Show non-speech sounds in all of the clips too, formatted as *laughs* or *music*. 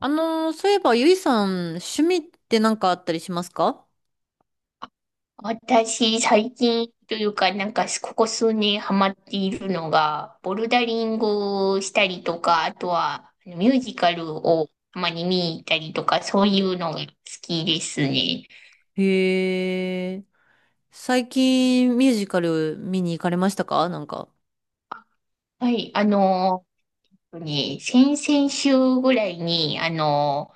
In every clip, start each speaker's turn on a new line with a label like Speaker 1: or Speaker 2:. Speaker 1: そういえば、ゆいさん、趣味って何かあったりしますか？
Speaker 2: 私、最近というか、なんか、ここ数年ハマっているのが、ボルダリングをしたりとか、あとは、ミュージカルをたまに見に行ったりとか、そういうのが好きですね。
Speaker 1: へえ。最近、ミュージカル見に行かれましたかなんか。
Speaker 2: はい、ね、先々週ぐらいに、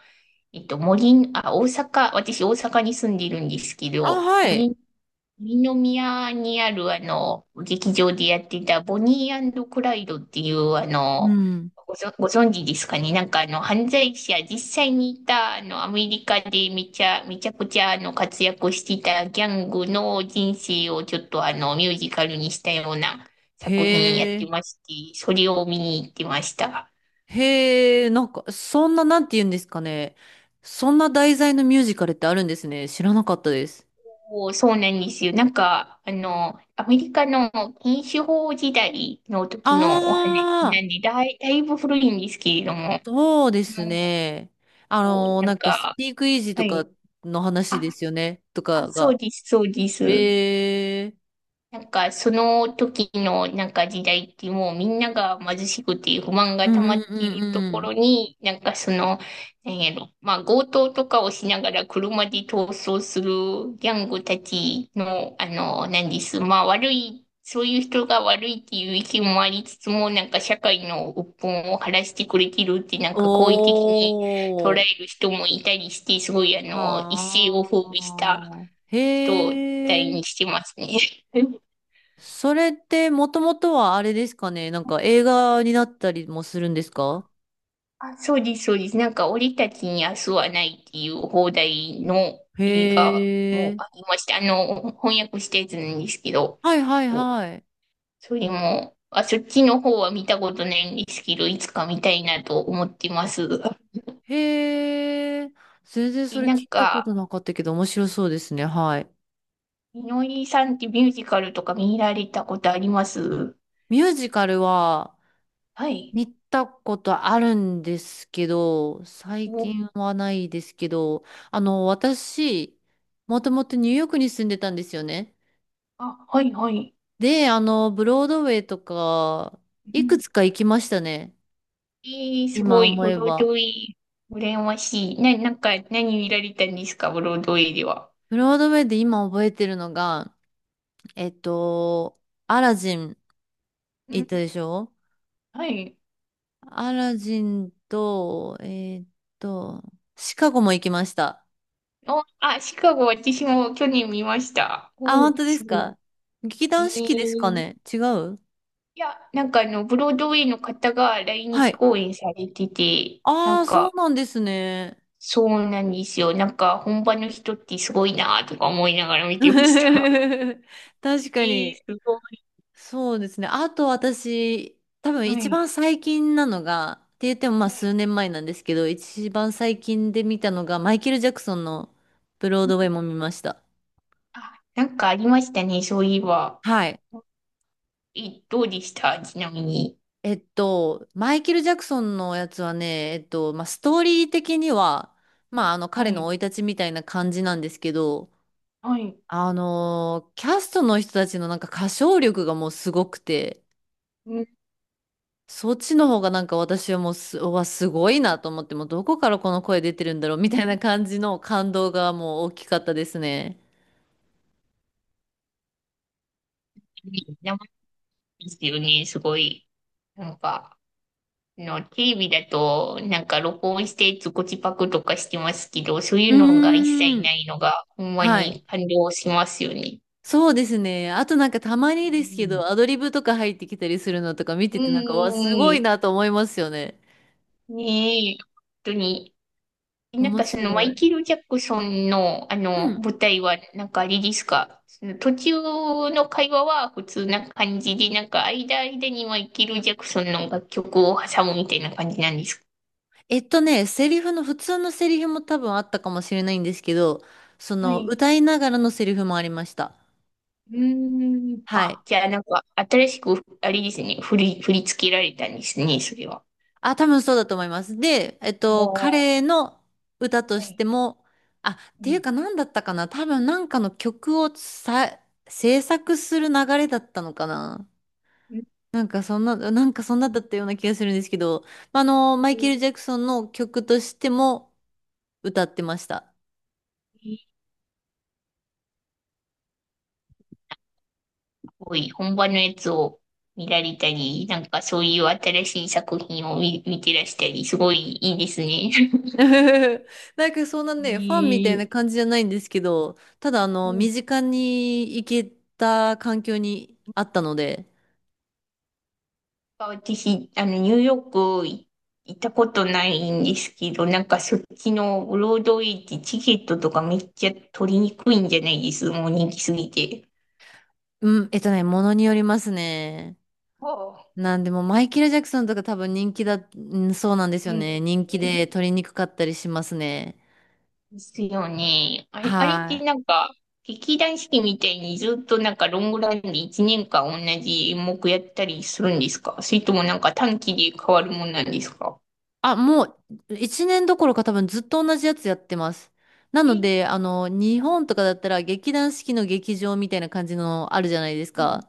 Speaker 2: 大阪、私大阪に住んでいるんですけ
Speaker 1: あ、
Speaker 2: ど、
Speaker 1: はい。
Speaker 2: 森二宮にある劇場でやってたボニークライドっていう
Speaker 1: うん。
Speaker 2: ご存知ですかね？なんか犯罪者、実際にいたアメリカでめちゃくちゃ活躍してたギャングの人生をちょっとミュージカルにしたような作品や
Speaker 1: へ
Speaker 2: って
Speaker 1: え。
Speaker 2: まして、それを見に行ってました。
Speaker 1: へえ、なんか、そんな、なんて言うんですかね。そんな題材のミュージカルってあるんですね。知らなかったです。
Speaker 2: そうなんですよ。なんか、アメリカの禁酒法時代の時のお話
Speaker 1: あ
Speaker 2: な
Speaker 1: あ、
Speaker 2: んで、だいぶ古いんですけれども、
Speaker 1: そうです
Speaker 2: の
Speaker 1: ね。
Speaker 2: こうな
Speaker 1: な
Speaker 2: ん
Speaker 1: んか、ス
Speaker 2: か、
Speaker 1: ピークイージー
Speaker 2: は
Speaker 1: とか
Speaker 2: い。
Speaker 1: の話
Speaker 2: あ、
Speaker 1: ですよね。と
Speaker 2: あ、
Speaker 1: か
Speaker 2: そ
Speaker 1: が。
Speaker 2: うです、そうです。
Speaker 1: へえ。
Speaker 2: なんか、その時のなんか時代ってもうみんなが貧しくて不満が
Speaker 1: う
Speaker 2: 溜
Speaker 1: ん
Speaker 2: ま
Speaker 1: う
Speaker 2: っ
Speaker 1: ん
Speaker 2: て
Speaker 1: う
Speaker 2: いると
Speaker 1: んう
Speaker 2: ころ
Speaker 1: ん。
Speaker 2: に、なんかその、なんやろ、まあ強盗とかをしながら車で逃走するギャングたちの、なんです。まあ悪い、そういう人が悪いっていう意見もありつつも、なんか社会の鬱憤を晴らしてくれてるって、なんか好意的に捉
Speaker 1: お
Speaker 2: え
Speaker 1: ー。
Speaker 2: る人もいたりして、すごい一世を
Speaker 1: は
Speaker 2: 風靡した
Speaker 1: あ。
Speaker 2: 人
Speaker 1: へ
Speaker 2: 体
Speaker 1: え。
Speaker 2: にしてますね。*laughs*
Speaker 1: それってもともとはあれですかね。なんか映画になったりもするんですか？
Speaker 2: あ、そうです、そうです。なんか、俺たちに明日はないっていう放題の
Speaker 1: へ
Speaker 2: 映画も
Speaker 1: え。
Speaker 2: ありました。翻訳したやつなんですけど、
Speaker 1: はいはい
Speaker 2: そう。
Speaker 1: はい。
Speaker 2: それも、あ、そっちの方は見たことないんですけど、いつか見たいなと思ってます。
Speaker 1: へえ。全然
Speaker 2: え、
Speaker 1: それ
Speaker 2: な
Speaker 1: 聞
Speaker 2: ん
Speaker 1: いたこ
Speaker 2: か、
Speaker 1: となかったけど面白そうですね。はい。
Speaker 2: みのりさんってミュージカルとか見られたことあります？
Speaker 1: ミュージカルは
Speaker 2: はい。
Speaker 1: 見たことあるんですけど、最
Speaker 2: お、
Speaker 1: 近はないですけど、あの、私、もともとニューヨークに住んでたんですよね。
Speaker 2: あ、はい、はい。
Speaker 1: で、あの、ブロードウェイとか、
Speaker 2: う
Speaker 1: いく
Speaker 2: ん。
Speaker 1: つか行きましたね。
Speaker 2: えす
Speaker 1: 今
Speaker 2: ごい、
Speaker 1: 思
Speaker 2: ブ
Speaker 1: え
Speaker 2: ロード
Speaker 1: ば。
Speaker 2: ウェイ、羨ましい。なんか、何見られたんですか、ブロードウェイでは？
Speaker 1: ブロードウェイで今覚えてるのが、えっと、アラジン行ったでしょ？
Speaker 2: はい。
Speaker 1: アラジンと、と、シカゴも行きました。
Speaker 2: お、あ、シカゴ、私も去年見ました。
Speaker 1: あ、
Speaker 2: お
Speaker 1: 本
Speaker 2: ー、
Speaker 1: 当で
Speaker 2: す
Speaker 1: す
Speaker 2: ご
Speaker 1: か？劇
Speaker 2: い。えー、
Speaker 1: 団四季ですか
Speaker 2: い
Speaker 1: ね、違う？
Speaker 2: や、なんかブロードウェイの方が来
Speaker 1: は
Speaker 2: 日
Speaker 1: い。
Speaker 2: 公演されてて、な
Speaker 1: あ
Speaker 2: ん
Speaker 1: あ、そ
Speaker 2: か、
Speaker 1: うなんですね。
Speaker 2: そうなんですよ。なんか、本場の人ってすごいなとか思いながら見
Speaker 1: *laughs*
Speaker 2: てました。*laughs*
Speaker 1: 確
Speaker 2: え
Speaker 1: か
Speaker 2: ー、
Speaker 1: に。
Speaker 2: すごい。
Speaker 1: そうですね。あと私、多分
Speaker 2: は
Speaker 1: 一
Speaker 2: い。
Speaker 1: 番最近なのが、って言ってもまあ
Speaker 2: はい。
Speaker 1: 数年前なんですけど、一番最近で見たのが、マイケル・ジャクソンのブロードウェイも見ました。
Speaker 2: あ、なんかありましたね、そういえば。
Speaker 1: はい。
Speaker 2: え、どうでしたちなみに？
Speaker 1: マイケル・ジャクソンのやつはね、まあ、ストーリー的には、まあ、あの、
Speaker 2: は
Speaker 1: 彼
Speaker 2: い。
Speaker 1: の生い立ちみたいな感じなんですけど、
Speaker 2: はい。
Speaker 1: キャストの人たちのなんか歌唱力がもうすごくて、
Speaker 2: うん。
Speaker 1: そっちの方がなんか私はもうす、うわ、すごいなと思って、もうどこからこの声出てるんだろうみたいな感じの感動がもう大きかったですね。
Speaker 2: 生ですよね、すごい。なんか。の、テレビだと、なんか録音してズコチパクとかしてますけど、そうい
Speaker 1: う
Speaker 2: うのが一
Speaker 1: ー
Speaker 2: 切
Speaker 1: ん。
Speaker 2: ないのが、ほんま
Speaker 1: はい。
Speaker 2: に感動しますよね。
Speaker 1: そうですね。あとなんかたま
Speaker 2: う
Speaker 1: にですけ
Speaker 2: ん
Speaker 1: ど、アドリブとか入ってきたりするのとか見
Speaker 2: う
Speaker 1: ててなんか、わ、
Speaker 2: ん
Speaker 1: すごいなと思いますよね。
Speaker 2: ん。ねえ、本当に。なん
Speaker 1: 面
Speaker 2: かそ
Speaker 1: 白
Speaker 2: のマイ
Speaker 1: い。
Speaker 2: ケル・ジャクソンの
Speaker 1: うん。
Speaker 2: 舞台はなんかあれですかその途中の会話は普通な感じで、なんか間間にマイケル・ジャクソンの楽曲を挟むみたいな感じなんですか？
Speaker 1: えっとね、セリフの、普通のセリフも多分あったかもしれないんですけど、そ
Speaker 2: は
Speaker 1: の、
Speaker 2: い。
Speaker 1: 歌いながらのセリフもありました。
Speaker 2: うーん。
Speaker 1: は
Speaker 2: あ、
Speaker 1: い。
Speaker 2: じゃあなんか、新しく、あれですね、振り付けられたんですね、それは。
Speaker 1: あ、多分そうだと思います。で、
Speaker 2: おー、
Speaker 1: 彼の歌と
Speaker 2: は
Speaker 1: し
Speaker 2: い。
Speaker 1: ても、あ、っ
Speaker 2: う
Speaker 1: ていう
Speaker 2: ん。
Speaker 1: か何だったかな、多分なんかの曲をさ、制作する流れだったのかな。
Speaker 2: うん
Speaker 1: なんかそんな、なんかそんなだったような気がするんですけど、まああの、マイケル・
Speaker 2: す
Speaker 1: ジャクソンの曲としても歌ってました。
Speaker 2: ごい、本場のやつを見られたり、なんかそういう新しい作品を見てらしたり、すごいいいですね。
Speaker 1: *laughs* なんかそんな
Speaker 2: *laughs*
Speaker 1: ね、ファンみた
Speaker 2: い
Speaker 1: いな
Speaker 2: い。
Speaker 1: 感じじゃないんですけど、ただあ
Speaker 2: う
Speaker 1: の、
Speaker 2: ん。
Speaker 1: 身近に行けた環境にあったので、
Speaker 2: 私、ニューヨークい行ったことないんですけど、なんかそっちのブロードウェイってチケットとかめっちゃ取りにくいんじゃないですもう人気すぎて。
Speaker 1: うん、えっとね、ものによりますね。なんでもマイケル・ジャクソンとか多分人気だ、うん、そうなんです
Speaker 2: う
Speaker 1: よ
Speaker 2: ん。う
Speaker 1: ね。人気
Speaker 2: ん
Speaker 1: で取りにくかったりしますね。
Speaker 2: ですよね。あれ、あれっ
Speaker 1: は
Speaker 2: てな
Speaker 1: い。
Speaker 2: んか、劇団四季みたいにずっとなんかロングランで1年間同じ演目やったりするんですか？それともなんか短期で変わるもんなんですか？
Speaker 1: あ、もう1年どころか多分ずっと同じやつやってます。なの
Speaker 2: え、
Speaker 1: で、あの、日本とかだったら劇団四季の劇場みたいな感じのあるじゃないですか。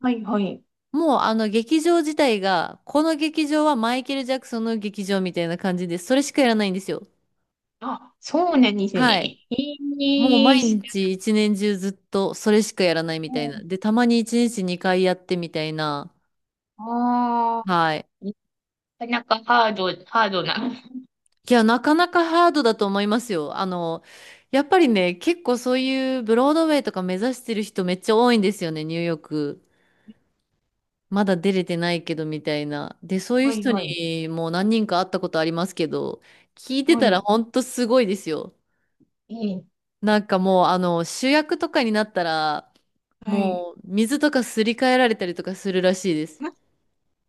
Speaker 2: はい、はい、はい。
Speaker 1: もうあの劇場自体が、この劇場はマイケル・ジャクソンの劇場みたいな感じで、それしかやらないんですよ。
Speaker 2: あ、そうなんですね。
Speaker 1: はい。もう
Speaker 2: え
Speaker 1: 毎
Speaker 2: え知ら
Speaker 1: 日一年中ずっとそれしかやらないみ
Speaker 2: な
Speaker 1: たいな。
Speaker 2: い。
Speaker 1: で、たまに一日二回やってみたいな。
Speaker 2: ああ、
Speaker 1: はい。
Speaker 2: なかなかハードな。
Speaker 1: いや、なかなかハードだと思いますよ。あの、やっぱりね、結構そういうブロードウェイとか目指してる人めっちゃ多いんですよね、ニューヨーク。まだ出れてないけどみたいな。で、そういう
Speaker 2: はい、
Speaker 1: 人
Speaker 2: はい、
Speaker 1: にもう何人か会ったことありますけど、聞いて
Speaker 2: は
Speaker 1: たら
Speaker 2: い。
Speaker 1: ほんとすごいですよ。
Speaker 2: ええ
Speaker 1: なんかもう、あの、主役とかになったら、
Speaker 2: はい。
Speaker 1: もう水とかすり替えられたりとかするらしいです。
Speaker 2: ま、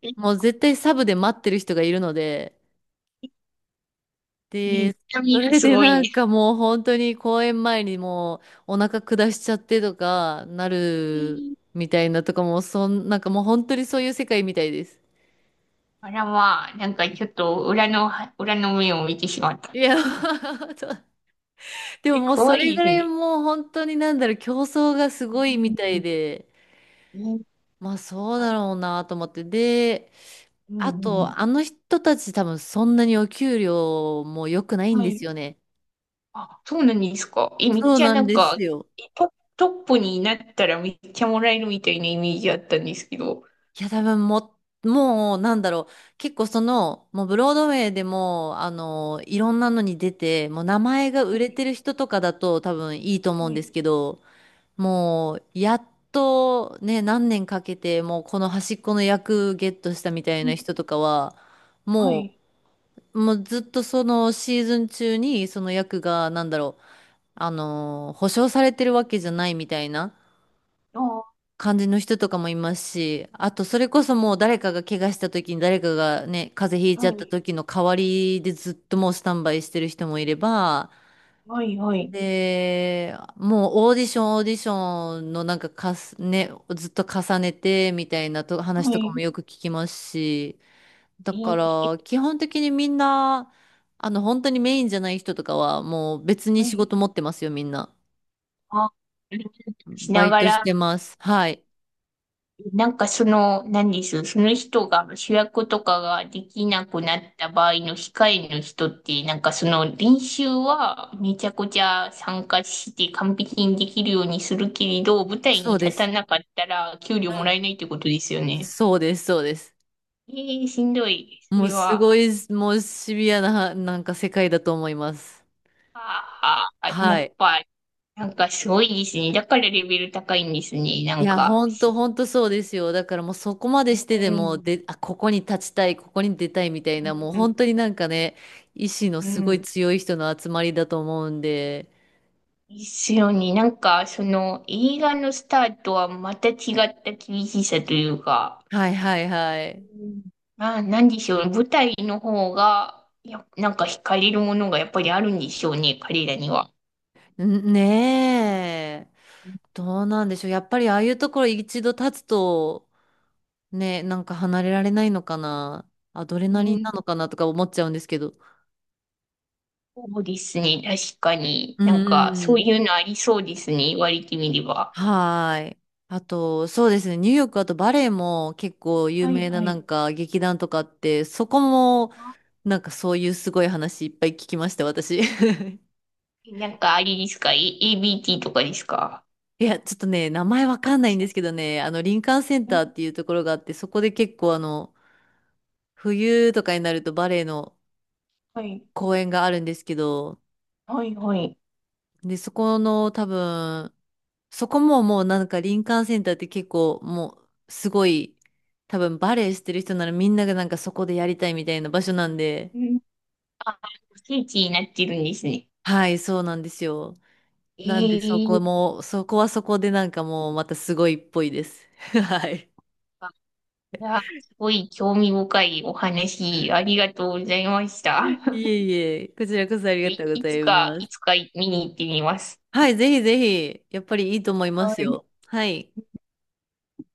Speaker 2: え、
Speaker 1: もう絶対サブで待ってる人がいるので、
Speaker 2: え、
Speaker 1: で、
Speaker 2: 痛
Speaker 1: *laughs*
Speaker 2: み
Speaker 1: そ
Speaker 2: が
Speaker 1: れ
Speaker 2: す
Speaker 1: で
Speaker 2: ごい
Speaker 1: な
Speaker 2: ね。
Speaker 1: んかもう本当に公演前にもうお腹下しちゃってとかなる
Speaker 2: ええ
Speaker 1: みたいなとかもうそん、なんかもう本当にそういう世界みたいです。
Speaker 2: あらまあ、なんかちょっと裏の目を見てしまった。
Speaker 1: いや、*laughs* そう、でも
Speaker 2: え、
Speaker 1: もうそ
Speaker 2: 怖
Speaker 1: れ
Speaker 2: い
Speaker 1: ぐら
Speaker 2: で
Speaker 1: いもう本当になんだろう、競争がす
Speaker 2: す
Speaker 1: ごいみたい
Speaker 2: ね。
Speaker 1: で、
Speaker 2: うん。え、
Speaker 1: まあそう
Speaker 2: あ、
Speaker 1: だろうなと思って。で、
Speaker 2: う
Speaker 1: あ
Speaker 2: んうん。
Speaker 1: とあの人たち多分そんなにお給料も良くないん
Speaker 2: は
Speaker 1: で
Speaker 2: い。
Speaker 1: すよね。
Speaker 2: あ、そうなんですか。え、めっ
Speaker 1: そう
Speaker 2: ちゃ
Speaker 1: な
Speaker 2: な
Speaker 1: ん
Speaker 2: ん
Speaker 1: で
Speaker 2: か、
Speaker 1: すよ。
Speaker 2: え、トップになったらめっちゃもらえるみたいなイメージあったんですけど。
Speaker 1: いや、多分もう、なんだろう。結構その、もうブロードウェイでも、あの、いろんなのに出て、もう名前が
Speaker 2: は
Speaker 1: 売れ
Speaker 2: い、
Speaker 1: てる人とかだと多分いいと思う
Speaker 2: は
Speaker 1: んで
Speaker 2: い、
Speaker 1: すけど、もう、やっとね、何年かけて、もうこの端っこの役ゲットしたみたい
Speaker 2: うん、
Speaker 1: な人とかは、
Speaker 2: は
Speaker 1: も
Speaker 2: い、
Speaker 1: もうずっとそのシーズン中にその役が、なんだろう、あの、保証されてるわけじゃないみたいな。
Speaker 2: あ、は
Speaker 1: 感じの人とかもいますし、あとそれこそもう誰かが怪我した時に誰かがね、風邪ひいちゃった
Speaker 2: い、
Speaker 1: 時の代わりでずっともうスタンバイしてる人もいれば、
Speaker 2: はい、はい、
Speaker 1: で、もうオーディションオーディションのなんかかす、ね、ずっと重ねてみたいなと話
Speaker 2: は
Speaker 1: とかも
Speaker 2: い、
Speaker 1: よく聞きますし、だ
Speaker 2: え
Speaker 1: か
Speaker 2: ー
Speaker 1: ら基本的にみんな、あの本当にメインじゃない人とかはもう別に
Speaker 2: は
Speaker 1: 仕
Speaker 2: い、
Speaker 1: 事持ってますよ、みんな。
Speaker 2: あ、し
Speaker 1: バ
Speaker 2: な
Speaker 1: イ
Speaker 2: が
Speaker 1: トし
Speaker 2: ら、
Speaker 1: てます。はい。
Speaker 2: なんかその、何です、その人が主役とかができなくなった場合の控えの人って、なんかその練習はめちゃくちゃ参加して完璧にできるようにするけれど、舞台
Speaker 1: そ
Speaker 2: に
Speaker 1: うで
Speaker 2: 立た
Speaker 1: す。
Speaker 2: なかったら給料もらえないってことですよね。
Speaker 1: そうです、そうです。
Speaker 2: えー、しんどい。そ
Speaker 1: もう
Speaker 2: れ
Speaker 1: す
Speaker 2: は、
Speaker 1: ごい、もうシビアな、なんか世界だと思います。
Speaker 2: あや
Speaker 1: は
Speaker 2: っ
Speaker 1: い。
Speaker 2: ぱ、なんかすごいですね。だからレベル高いんですね。な
Speaker 1: い
Speaker 2: ん
Speaker 1: や、
Speaker 2: か、し
Speaker 1: ほんとそうですよ。だからもうそこまでし
Speaker 2: う
Speaker 1: てでも、
Speaker 2: ん、
Speaker 1: で、あ、ここに立ちたい、ここに出たいみたい
Speaker 2: う
Speaker 1: な、もう
Speaker 2: ん、
Speaker 1: 本当になんかね、意志の
Speaker 2: う
Speaker 1: すごい
Speaker 2: ん。
Speaker 1: 強い人の集まりだと思うんで。
Speaker 2: ですよね。なんか、その映画のスタートはまた違った厳しさというか、
Speaker 1: はいはいはい。
Speaker 2: うんあ、なんでしょうね。舞台の方が、や、なんか惹かれるものがやっぱりあるんでしょうね、彼らには。
Speaker 1: んねえ。どうなんでしょう。やっぱりああいうところ一度立つと、ね、なんか離れられないのかな。アドレ
Speaker 2: う
Speaker 1: ナリン
Speaker 2: ん
Speaker 1: なのかなとか思っちゃうんですけど。
Speaker 2: そうですね、確かに。
Speaker 1: う
Speaker 2: なんか、そう
Speaker 1: ん。
Speaker 2: いうのありそうですね、言われてみれば。
Speaker 1: はーい。あと、そうですね。ニューヨーク、あとバレエも結構有
Speaker 2: はい
Speaker 1: 名な
Speaker 2: は
Speaker 1: な
Speaker 2: い。
Speaker 1: んか劇団とかあって、そこも
Speaker 2: あ
Speaker 1: なんかそういうすごい話いっぱい聞きました、私。*laughs*
Speaker 2: なんか、あれですか、ABT とかですか？
Speaker 1: いや、ちょっとね、名前わか
Speaker 2: あ、
Speaker 1: んないんです
Speaker 2: 違
Speaker 1: けどね、あの、林間センタ
Speaker 2: う
Speaker 1: ーっていうところがあって、そこで結構あの、冬とかになるとバレエの
Speaker 2: はい。
Speaker 1: 公演があるんですけど、
Speaker 2: はい、はい。
Speaker 1: で、そこの多分、そこももうなんか林間センターって結構もうすごい多分バレエしてる人ならみんながなんかそこでやりたいみたいな場所なんで、
Speaker 2: うんあ、聖地になってるんですね。
Speaker 1: はい、そうなんですよ。なんでそこ
Speaker 2: ええ
Speaker 1: も、そこはそこでなんかもうまたすごいっぽいです。*laughs* はい。
Speaker 2: あいや、すごい興味深いお話、ありがとうございました。
Speaker 1: い
Speaker 2: *laughs*
Speaker 1: えいえ、こちらこそありがとうご
Speaker 2: い
Speaker 1: ざ
Speaker 2: つ
Speaker 1: い
Speaker 2: か、
Speaker 1: ま
Speaker 2: い
Speaker 1: す。
Speaker 2: つか見に行ってみます。
Speaker 1: はい、ぜひぜひ、やっぱりいいと思いま
Speaker 2: は
Speaker 1: す
Speaker 2: い
Speaker 1: よ。はい。